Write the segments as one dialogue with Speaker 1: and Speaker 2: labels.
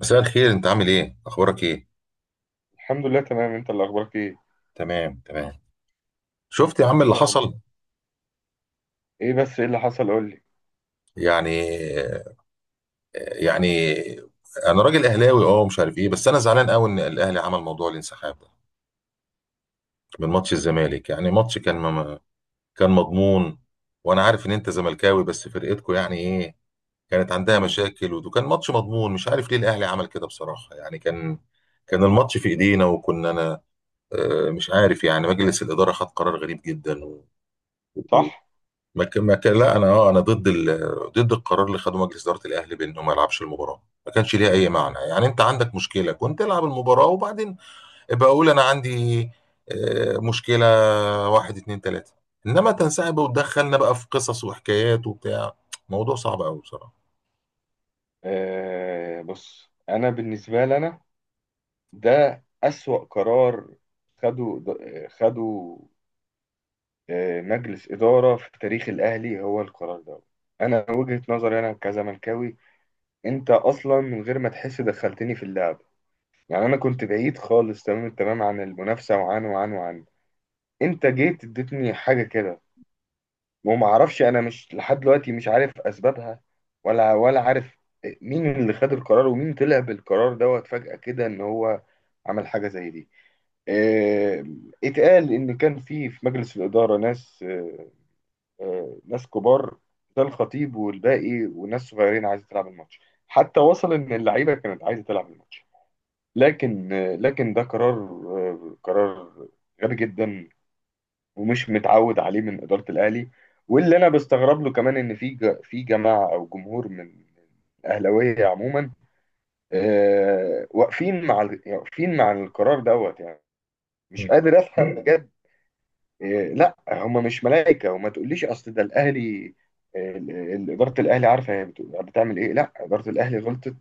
Speaker 1: مساء الخير، انت عامل ايه؟ اخبارك ايه؟
Speaker 2: الحمد لله، تمام. انت اللي اخبارك ايه؟
Speaker 1: تمام، تمام. شفت يا عم
Speaker 2: ايه
Speaker 1: اللي
Speaker 2: الاخبار؟
Speaker 1: حصل؟
Speaker 2: ايه، بس ايه اللي حصل؟ قول لي.
Speaker 1: يعني يعني، انا راجل اهلاوي، مش عارف ايه، بس انا زعلان قوي ان الاهلي عمل موضوع الانسحاب ده من ماتش الزمالك. يعني ماتش كان كان مضمون. وانا عارف ان انت زملكاوي، بس فرقتكو يعني ايه؟ كانت عندها
Speaker 2: امم
Speaker 1: مشاكل، وكان ماتش مضمون. مش عارف ليه الاهلي عمل كده بصراحة. يعني كان الماتش في ايدينا، وكنا انا مش عارف. يعني مجلس الإدارة خد قرار غريب جدا و...
Speaker 2: صح.
Speaker 1: ما كان لا، انا انا ضد ضد القرار اللي خده مجلس اداره الاهلي بانه ما يلعبش المباراه. ما كانش ليها اي معنى. يعني انت عندك مشكله، كنت العب المباراه وبعدين ابقى اقول انا عندي مشكله واحد اتنين تلاته. انما تنسحب وتدخلنا بقى في قصص وحكايات وبتاع، موضوع صعب قوي بصراحه.
Speaker 2: آه، بص. انا بالنسبه لي، انا ده اسوأ قرار خده خده آه، مجلس اداره في تاريخ الاهلي، هو القرار ده. انا وجهه نظري انا كزملكاوي، انت اصلا من غير ما تحس دخلتني في اللعب، يعني انا كنت بعيد خالص، تمام التمام، عن المنافسه وعن. انت جيت اديتني حاجه كده، وما اعرفش. انا مش لحد دلوقتي مش عارف اسبابها، ولا عارف مين اللي خد القرار، ومين طلع بالقرار دوت فجأة كده، ان هو عمل حاجة زي دي. آه، اتقال ان كان في مجلس الإدارة ناس، آه، ناس كبار، ده الخطيب والباقي، وناس صغيرين عايزة تلعب الماتش. حتى وصل ان اللعيبة كانت عايزة تلعب الماتش. لكن آه، لكن ده قرار، آه، قرار غبي جدا، ومش متعود عليه من إدارة الأهلي. واللي أنا بستغرب له كمان، إن في في جماعة أو جمهور من الأهلاوية عموما، آه، واقفين مع يعني واقفين مع القرار دوت، يعني مش
Speaker 1: مم.
Speaker 2: قادر أفهم بجد. آه، لا، هم مش ملائكة، وما تقوليش أصل ده الأهلي. آه، إدارة الأهلي عارفة هي بتعمل إيه. لا، إدارة الأهلي غلطت،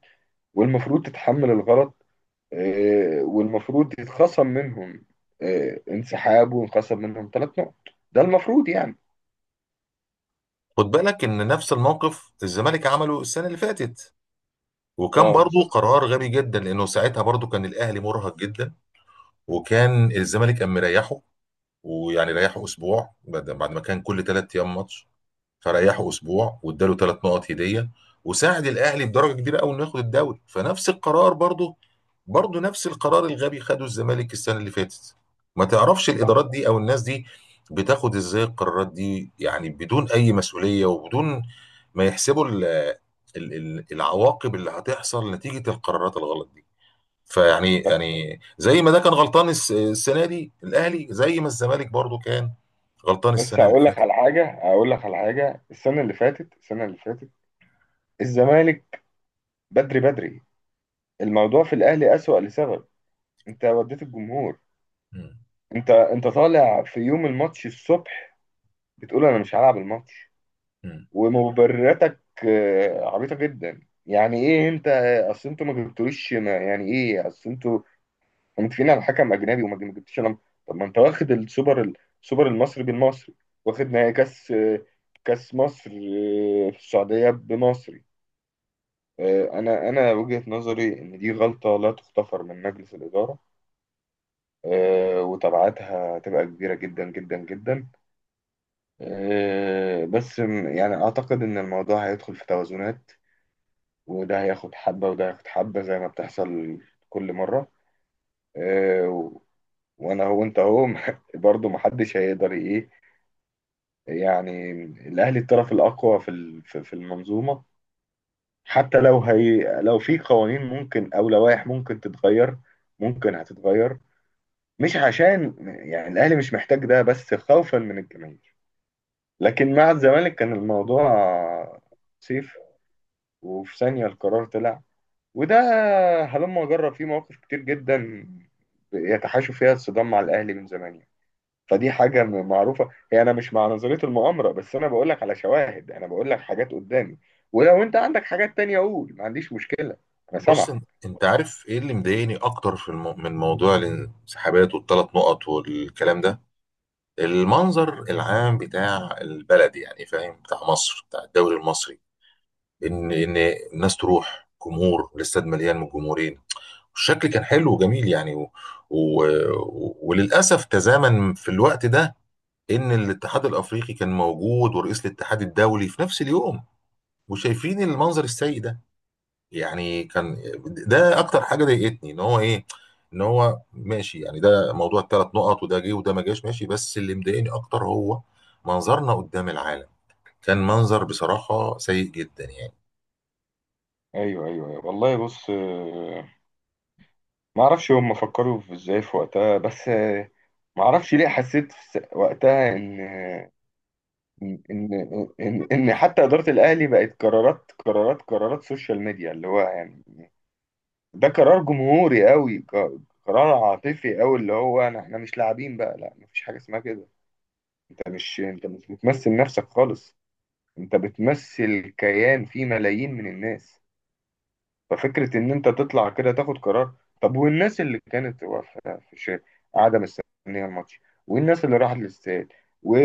Speaker 2: والمفروض تتحمل الغلط. آه، والمفروض يتخصم منهم، آه، انسحاب، وينخصم منهم ثلاث نقط. ده المفروض يعني.
Speaker 1: خد بالك ان نفس الموقف الزمالك عمله السنه اللي فاتت، وكان
Speaker 2: اه،
Speaker 1: برضو
Speaker 2: بالظبط.
Speaker 1: قرار غبي جدا. لانه ساعتها برضو كان الاهلي مرهق جدا، وكان الزمالك قام مريحه. ويعني ريحه اسبوع بعد ما كان كل 3 ايام ماتش. فريحه اسبوع واداله 3 نقط هديه، وساعد الاهلي بدرجه كبيره قوي انه ياخد الدوري. فنفس القرار، برضه نفس القرار الغبي خده الزمالك السنه اللي فاتت. ما تعرفش
Speaker 2: صح.
Speaker 1: الادارات دي او الناس دي بتاخد ازاي القرارات دي؟ يعني بدون اي مسؤوليه، وبدون ما يحسبوا العواقب اللي هتحصل نتيجه القرارات الغلط دي. فيعني
Speaker 2: بس
Speaker 1: زي ما ده كان غلطان السنه دي الاهلي، زي ما الزمالك برضو كان غلطان
Speaker 2: بس
Speaker 1: السنه اللي
Speaker 2: هقول لك
Speaker 1: فاتت.
Speaker 2: على حاجه، هقول لك على حاجه. السنه اللي فاتت، السنه اللي فاتت الزمالك، بدري بدري. الموضوع في الاهلي اسوأ، لسبب: انت وديت الجمهور.
Speaker 1: مم.
Speaker 2: انت طالع في يوم الماتش الصبح بتقول انا مش هلعب الماتش.
Speaker 1: مم.
Speaker 2: ومبرراتك آه، عبيطه جدا. يعني ايه انت، اصل انتوا ما جبتوليش يعني ايه اصل انتوا ومتفقين على حكم اجنبي وما جبتش انا. طب ما انت واخد السوبر، السوبر المصري بالمصري. واخد نهائي كاس، كاس مصر في السعوديه بمصري. آه، انا وجهه نظري ان دي غلطه لا تغتفر من مجلس الاداره. آه، وتبعاتها هتبقى كبيره جدا جدا جدا. آه، بس يعني اعتقد ان الموضوع هيدخل في توازنات، وده هياخد حبه وده هياخد حبه، زي ما بتحصل كل مره. آه، وانا هو انت هو برضه محدش هيقدر ايه. يعني الاهلي الطرف الاقوى في في المنظومه. حتى لو هي، لو في قوانين ممكن او لوائح ممكن تتغير، ممكن هتتغير. مش عشان، يعني الاهلي مش محتاج ده، بس خوفا من الجماهير. لكن مع الزمالك كان الموضوع سيف، وفي ثانيه القرار طلع. وده هلما جرى فيه مواقف كتير جدا يتحاشوا فيها الصدام مع الاهلي من زمان يعني. فدي حاجة معروفة. هي أنا مش مع نظرية المؤامرة، بس أنا بقول لك على شواهد، أنا بقول لك حاجات قدامي. ولو أنت عندك حاجات تانية قول، ما عنديش مشكلة، أنا
Speaker 1: بص
Speaker 2: سامعك.
Speaker 1: انت عارف ايه اللي مضايقني اكتر في من موضوع الانسحابات والثلاث نقط والكلام ده؟ المنظر العام بتاع البلد يعني، فاهم؟ بتاع مصر، بتاع الدوري المصري. ان الناس تروح، جمهور الاستاد مليان من الجمهورين، الشكل كان حلو وجميل يعني. و... وللاسف تزامن في الوقت ده ان الاتحاد الافريقي كان موجود ورئيس الاتحاد الدولي في نفس اليوم، وشايفين المنظر السيء ده. يعني كان ده اكتر حاجه ضايقتني. ان هو ايه، ان هو ماشي. يعني ده موضوع الثلاث نقط، وده جه وده ما جاش ماشي، بس اللي مضايقني اكتر هو منظرنا قدام العالم. كان منظر بصراحه سيء جدا يعني.
Speaker 2: ايوه ايوه ايوه، والله. بص آه، ما اعرفش هم فكروا في ازاي في وقتها. بس آه، ما اعرفش ليه حسيت في وقتها ان إن حتى اداره الاهلي بقت قرارات قرارات قرارات سوشيال ميديا، اللي هو يعني ده قرار جمهوري قوي، قرار عاطفي قوي، اللي هو انا احنا مش لاعبين بقى. لا، مفيش حاجه اسمها كده. انت مش بتمثل نفسك خالص، انت بتمثل كيان فيه ملايين من الناس. ففكرة ان انت تطلع كده تاخد قرار، طب والناس اللي كانت واقفة في الشارع قاعدة مستنية الماتش، والناس اللي راحت الاستاد، و...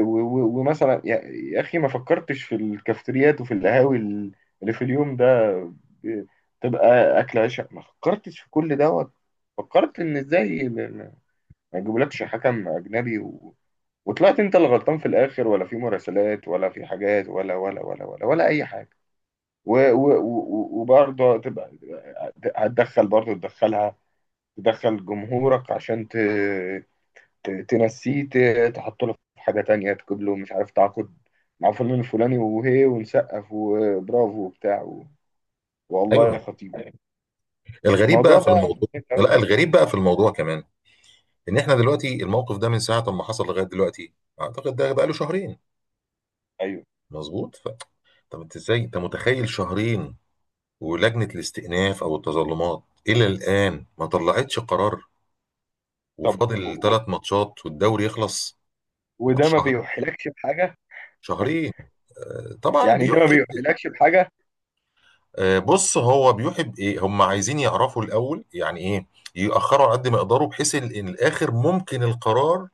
Speaker 2: ومثلا يا اخي، ما فكرتش في الكافتريات وفي القهاوي اللي في اليوم ده، ب- تبقى اكل عشاء، ما فكرتش في كل دوت. فكرت ان ازاي ما يجيبولكش حكم اجنبي، وطلعت انت اللي غلطان في الاخر، ولا في مراسلات، ولا في حاجات، ولا اي حاجه. وبرضه هتبقى، هتدخل برضه تدخلها، تدخل جمهورك عشان تنسيه، تحط له في حاجه تانية، تجيب له مش عارف تعاقد مع فلان الفلاني، وهي ونسقف وبرافو وبتاع والله
Speaker 1: ايوه،
Speaker 2: يا خطيب يعني،
Speaker 1: الغريب
Speaker 2: الموضوع
Speaker 1: بقى في
Speaker 2: ده
Speaker 1: الموضوع.
Speaker 2: خطير
Speaker 1: لا،
Speaker 2: قوي.
Speaker 1: الغريب بقى في الموضوع كمان ان احنا دلوقتي الموقف ده من ساعه ما حصل لغايه دلوقتي، اعتقد ده بقى له شهرين.
Speaker 2: ايوه.
Speaker 1: مظبوط. طب انت، ازاي انت متخيل شهرين ولجنة الاستئناف أو التظلمات إلى الآن ما طلعتش قرار،
Speaker 2: طب
Speaker 1: وفاضل 3 ماتشات والدوري يخلص؟
Speaker 2: وده
Speaker 1: ماتش،
Speaker 2: ما
Speaker 1: شهر،
Speaker 2: بيوحلكش بحاجه،
Speaker 1: شهرين. طبعا
Speaker 2: يعني ده ما
Speaker 1: بيحب.
Speaker 2: بيوحلكش بحاجه.
Speaker 1: بص، هو بيحب ايه؟ هم عايزين يعرفوا الاول يعني ايه. يأخروا على قد ما يقدروا، بحيث ان الاخر ممكن القرار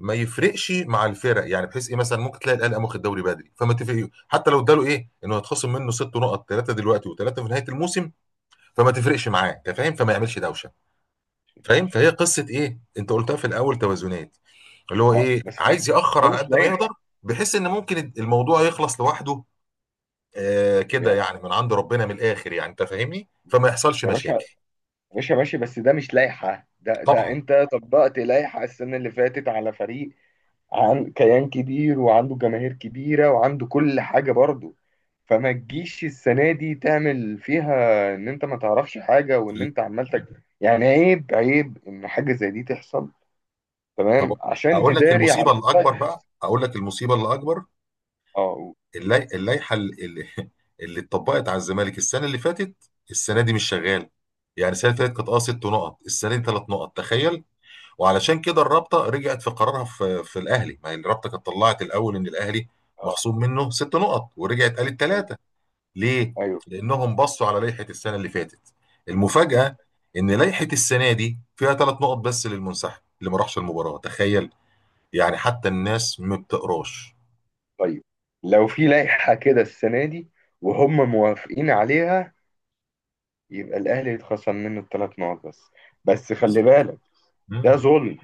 Speaker 1: ما يفرقش مع الفرق. يعني بحيث ايه؟ مثلا ممكن تلاقي الاهلي قام واخد دوري بدري، فما تفرق حتى لو اداله ايه، انه هيتخصم منه 6 نقط، 3 دلوقتي وثلاثه في نهايه الموسم، فما تفرقش معاه، انت فاهم؟ فما يعملش دوشه، فاهم؟
Speaker 2: ماشي.
Speaker 1: فهي قصه ايه، انت قلتها في الاول؟ توازنات. اللي هو
Speaker 2: اه،
Speaker 1: ايه؟
Speaker 2: بس ده
Speaker 1: عايز ياخر على
Speaker 2: مش
Speaker 1: قد ما يقدر،
Speaker 2: لائحة.
Speaker 1: بحيث ان ممكن الموضوع يخلص لوحده. آه، كده
Speaker 2: يا
Speaker 1: يعني، من عند ربنا، من الاخر يعني، انت فاهمني، فما يحصلش
Speaker 2: يا باشا، يا
Speaker 1: مشاكل.
Speaker 2: باشا ماشي، بس ده مش لائحة. ده
Speaker 1: طبعا.
Speaker 2: انت طبقت لائحة السنة اللي فاتت على فريق، عن كيان كبير وعنده جماهير كبيرة وعنده كل حاجة برضه. فما تجيش السنة دي تعمل فيها ان انت ما تعرفش حاجة، وان
Speaker 1: ال-
Speaker 2: انت عمال يعني عيب، عيب ان حاجة زي دي تحصل،
Speaker 1: طب
Speaker 2: تمام، عشان
Speaker 1: اقول لك
Speaker 2: تداري
Speaker 1: المصيبه
Speaker 2: على
Speaker 1: الاكبر
Speaker 2: حاجة.
Speaker 1: بقى، اقول لك المصيبه الاكبر.
Speaker 2: اه
Speaker 1: اللائحه اللي اللي اتطبقت على الزمالك السنه اللي فاتت، السنه دي مش شغاله. يعني السنه اللي فاتت كانت 6 نقط، السنه دي 3 نقط. تخيل. وعلشان كده الرابطه رجعت في قرارها في الاهلي. ما هي الرابطه كانت طلعت الاول ان الاهلي مخصوم منه 6 نقط، ورجعت قالت
Speaker 2: اه
Speaker 1: 3. ليه؟
Speaker 2: ايوه.
Speaker 1: لانهم بصوا على لائحه السنه اللي فاتت. المفاجاه ان لائحه السنه دي فيها 3 نقط بس للمنسحب اللي ما راحش المباراه. تخيل، يعني حتى الناس ما بتقراش.
Speaker 2: طيب، لو في لائحة كده السنة دي وهم موافقين عليها، يبقى الأهلي يتخصم منه الثلاث نقط بس، بس خلي
Speaker 1: بالظبط.
Speaker 2: بالك ده
Speaker 1: مم.
Speaker 2: ظلم.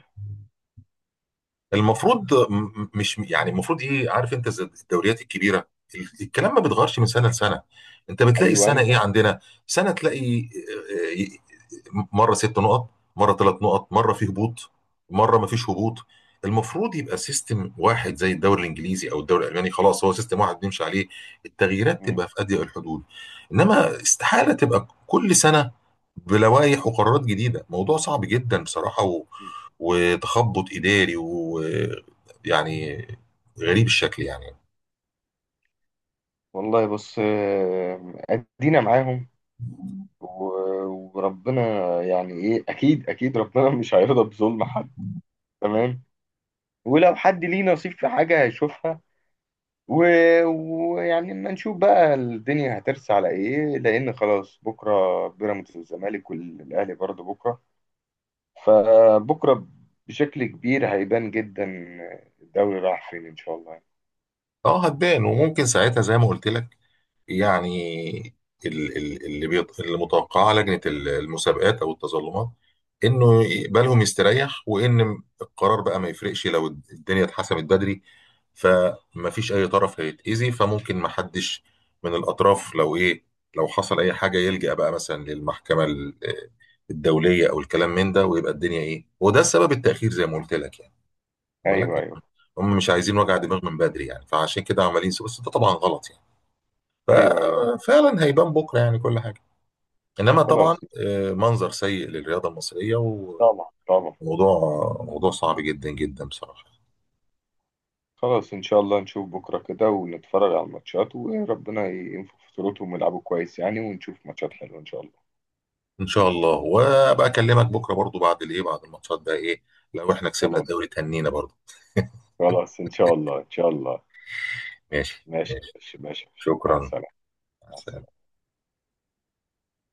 Speaker 1: المفروض مش، يعني المفروض ايه؟ عارف انت زي الدوريات الكبيره، الكلام ما بيتغيرش من سنه لسنه. انت بتلاقي
Speaker 2: أيوة.
Speaker 1: السنه
Speaker 2: أنت.
Speaker 1: ايه عندنا؟ سنه تلاقي آه، مره 6 نقط، مره 3 نقط، مره في هبوط، مره ما فيش هبوط. المفروض يبقى سيستم واحد، زي الدوري الانجليزي او الدوري الالماني. خلاص هو سيستم واحد بنمشي عليه، التغييرات
Speaker 2: مم.
Speaker 1: تبقى في اضيق الحدود. انما استحاله تبقى كل سنه بلوائح وقرارات جديده، موضوع صعب جدا بصراحه، وتخبط إداري ويعني غريب الشكل يعني.
Speaker 2: والله بص، آه، أدينا معاهم و- وربنا، يعني إيه، أكيد أكيد ربنا مش هيرضى بظلم حد، تمام. ولو حد ليه نصيب في حاجة هيشوفها، و- ويعني اما نشوف بقى الدنيا هترسى على إيه، لأن خلاص بكرة بيراميدز والزمالك، والأهلي برضه بكرة. فبكرة بشكل كبير هيبان جدا الدوري راح فين إن شاء الله.
Speaker 1: اه، هتبان. وممكن ساعتها زي ما قلت لك يعني، اللي متوقعاه لجنة المسابقات أو التظلمات، إنه بالهم يستريح، وإن القرار بقى ما يفرقش لو الدنيا اتحسمت بدري. فما فيش أي طرف هيتأذي، فممكن ما حدش من الأطراف، لو إيه، لو حصل أي حاجة يلجأ بقى مثلا للمحكمة الدولية أو الكلام من ده، ويبقى الدنيا إيه. وده السبب التأخير زي ما قلت لك يعني، بالك.
Speaker 2: أيوه أيوه
Speaker 1: هم مش عايزين وجع دماغ من بدري يعني، فعشان كده عمالين بس ده طبعا غلط يعني.
Speaker 2: أيوه أيوه.
Speaker 1: ففعلا هيبان بكره يعني كل حاجه. انما طبعا
Speaker 2: خلاص.
Speaker 1: منظر سيء للرياضه المصريه، وموضوع،
Speaker 2: طبعا طبعا.
Speaker 1: موضوع صعب جدا جدا بصراحه.
Speaker 2: خلاص، إن شاء الله نشوف بكرة كده ونتفرج على الماتشات، وربنا ينفخ في صورتهم ويلعبوا كويس يعني، ونشوف ماتشات حلوة إن شاء الله.
Speaker 1: ان شاء الله. وابقى اكلمك بكره برضو بعد الايه، بعد الماتشات بقى ايه، لو احنا كسبنا
Speaker 2: خلاص،
Speaker 1: الدوري تهنينا برضو.
Speaker 2: خلاص إن شاء الله إن شاء الله.
Speaker 1: ماشي،
Speaker 2: ماشي يا
Speaker 1: ماشي.
Speaker 2: باشا، ماشي يا باشا، مع
Speaker 1: شكرا.
Speaker 2: السلامة.
Speaker 1: مع
Speaker 2: مع
Speaker 1: السلامة.
Speaker 2: السلامة.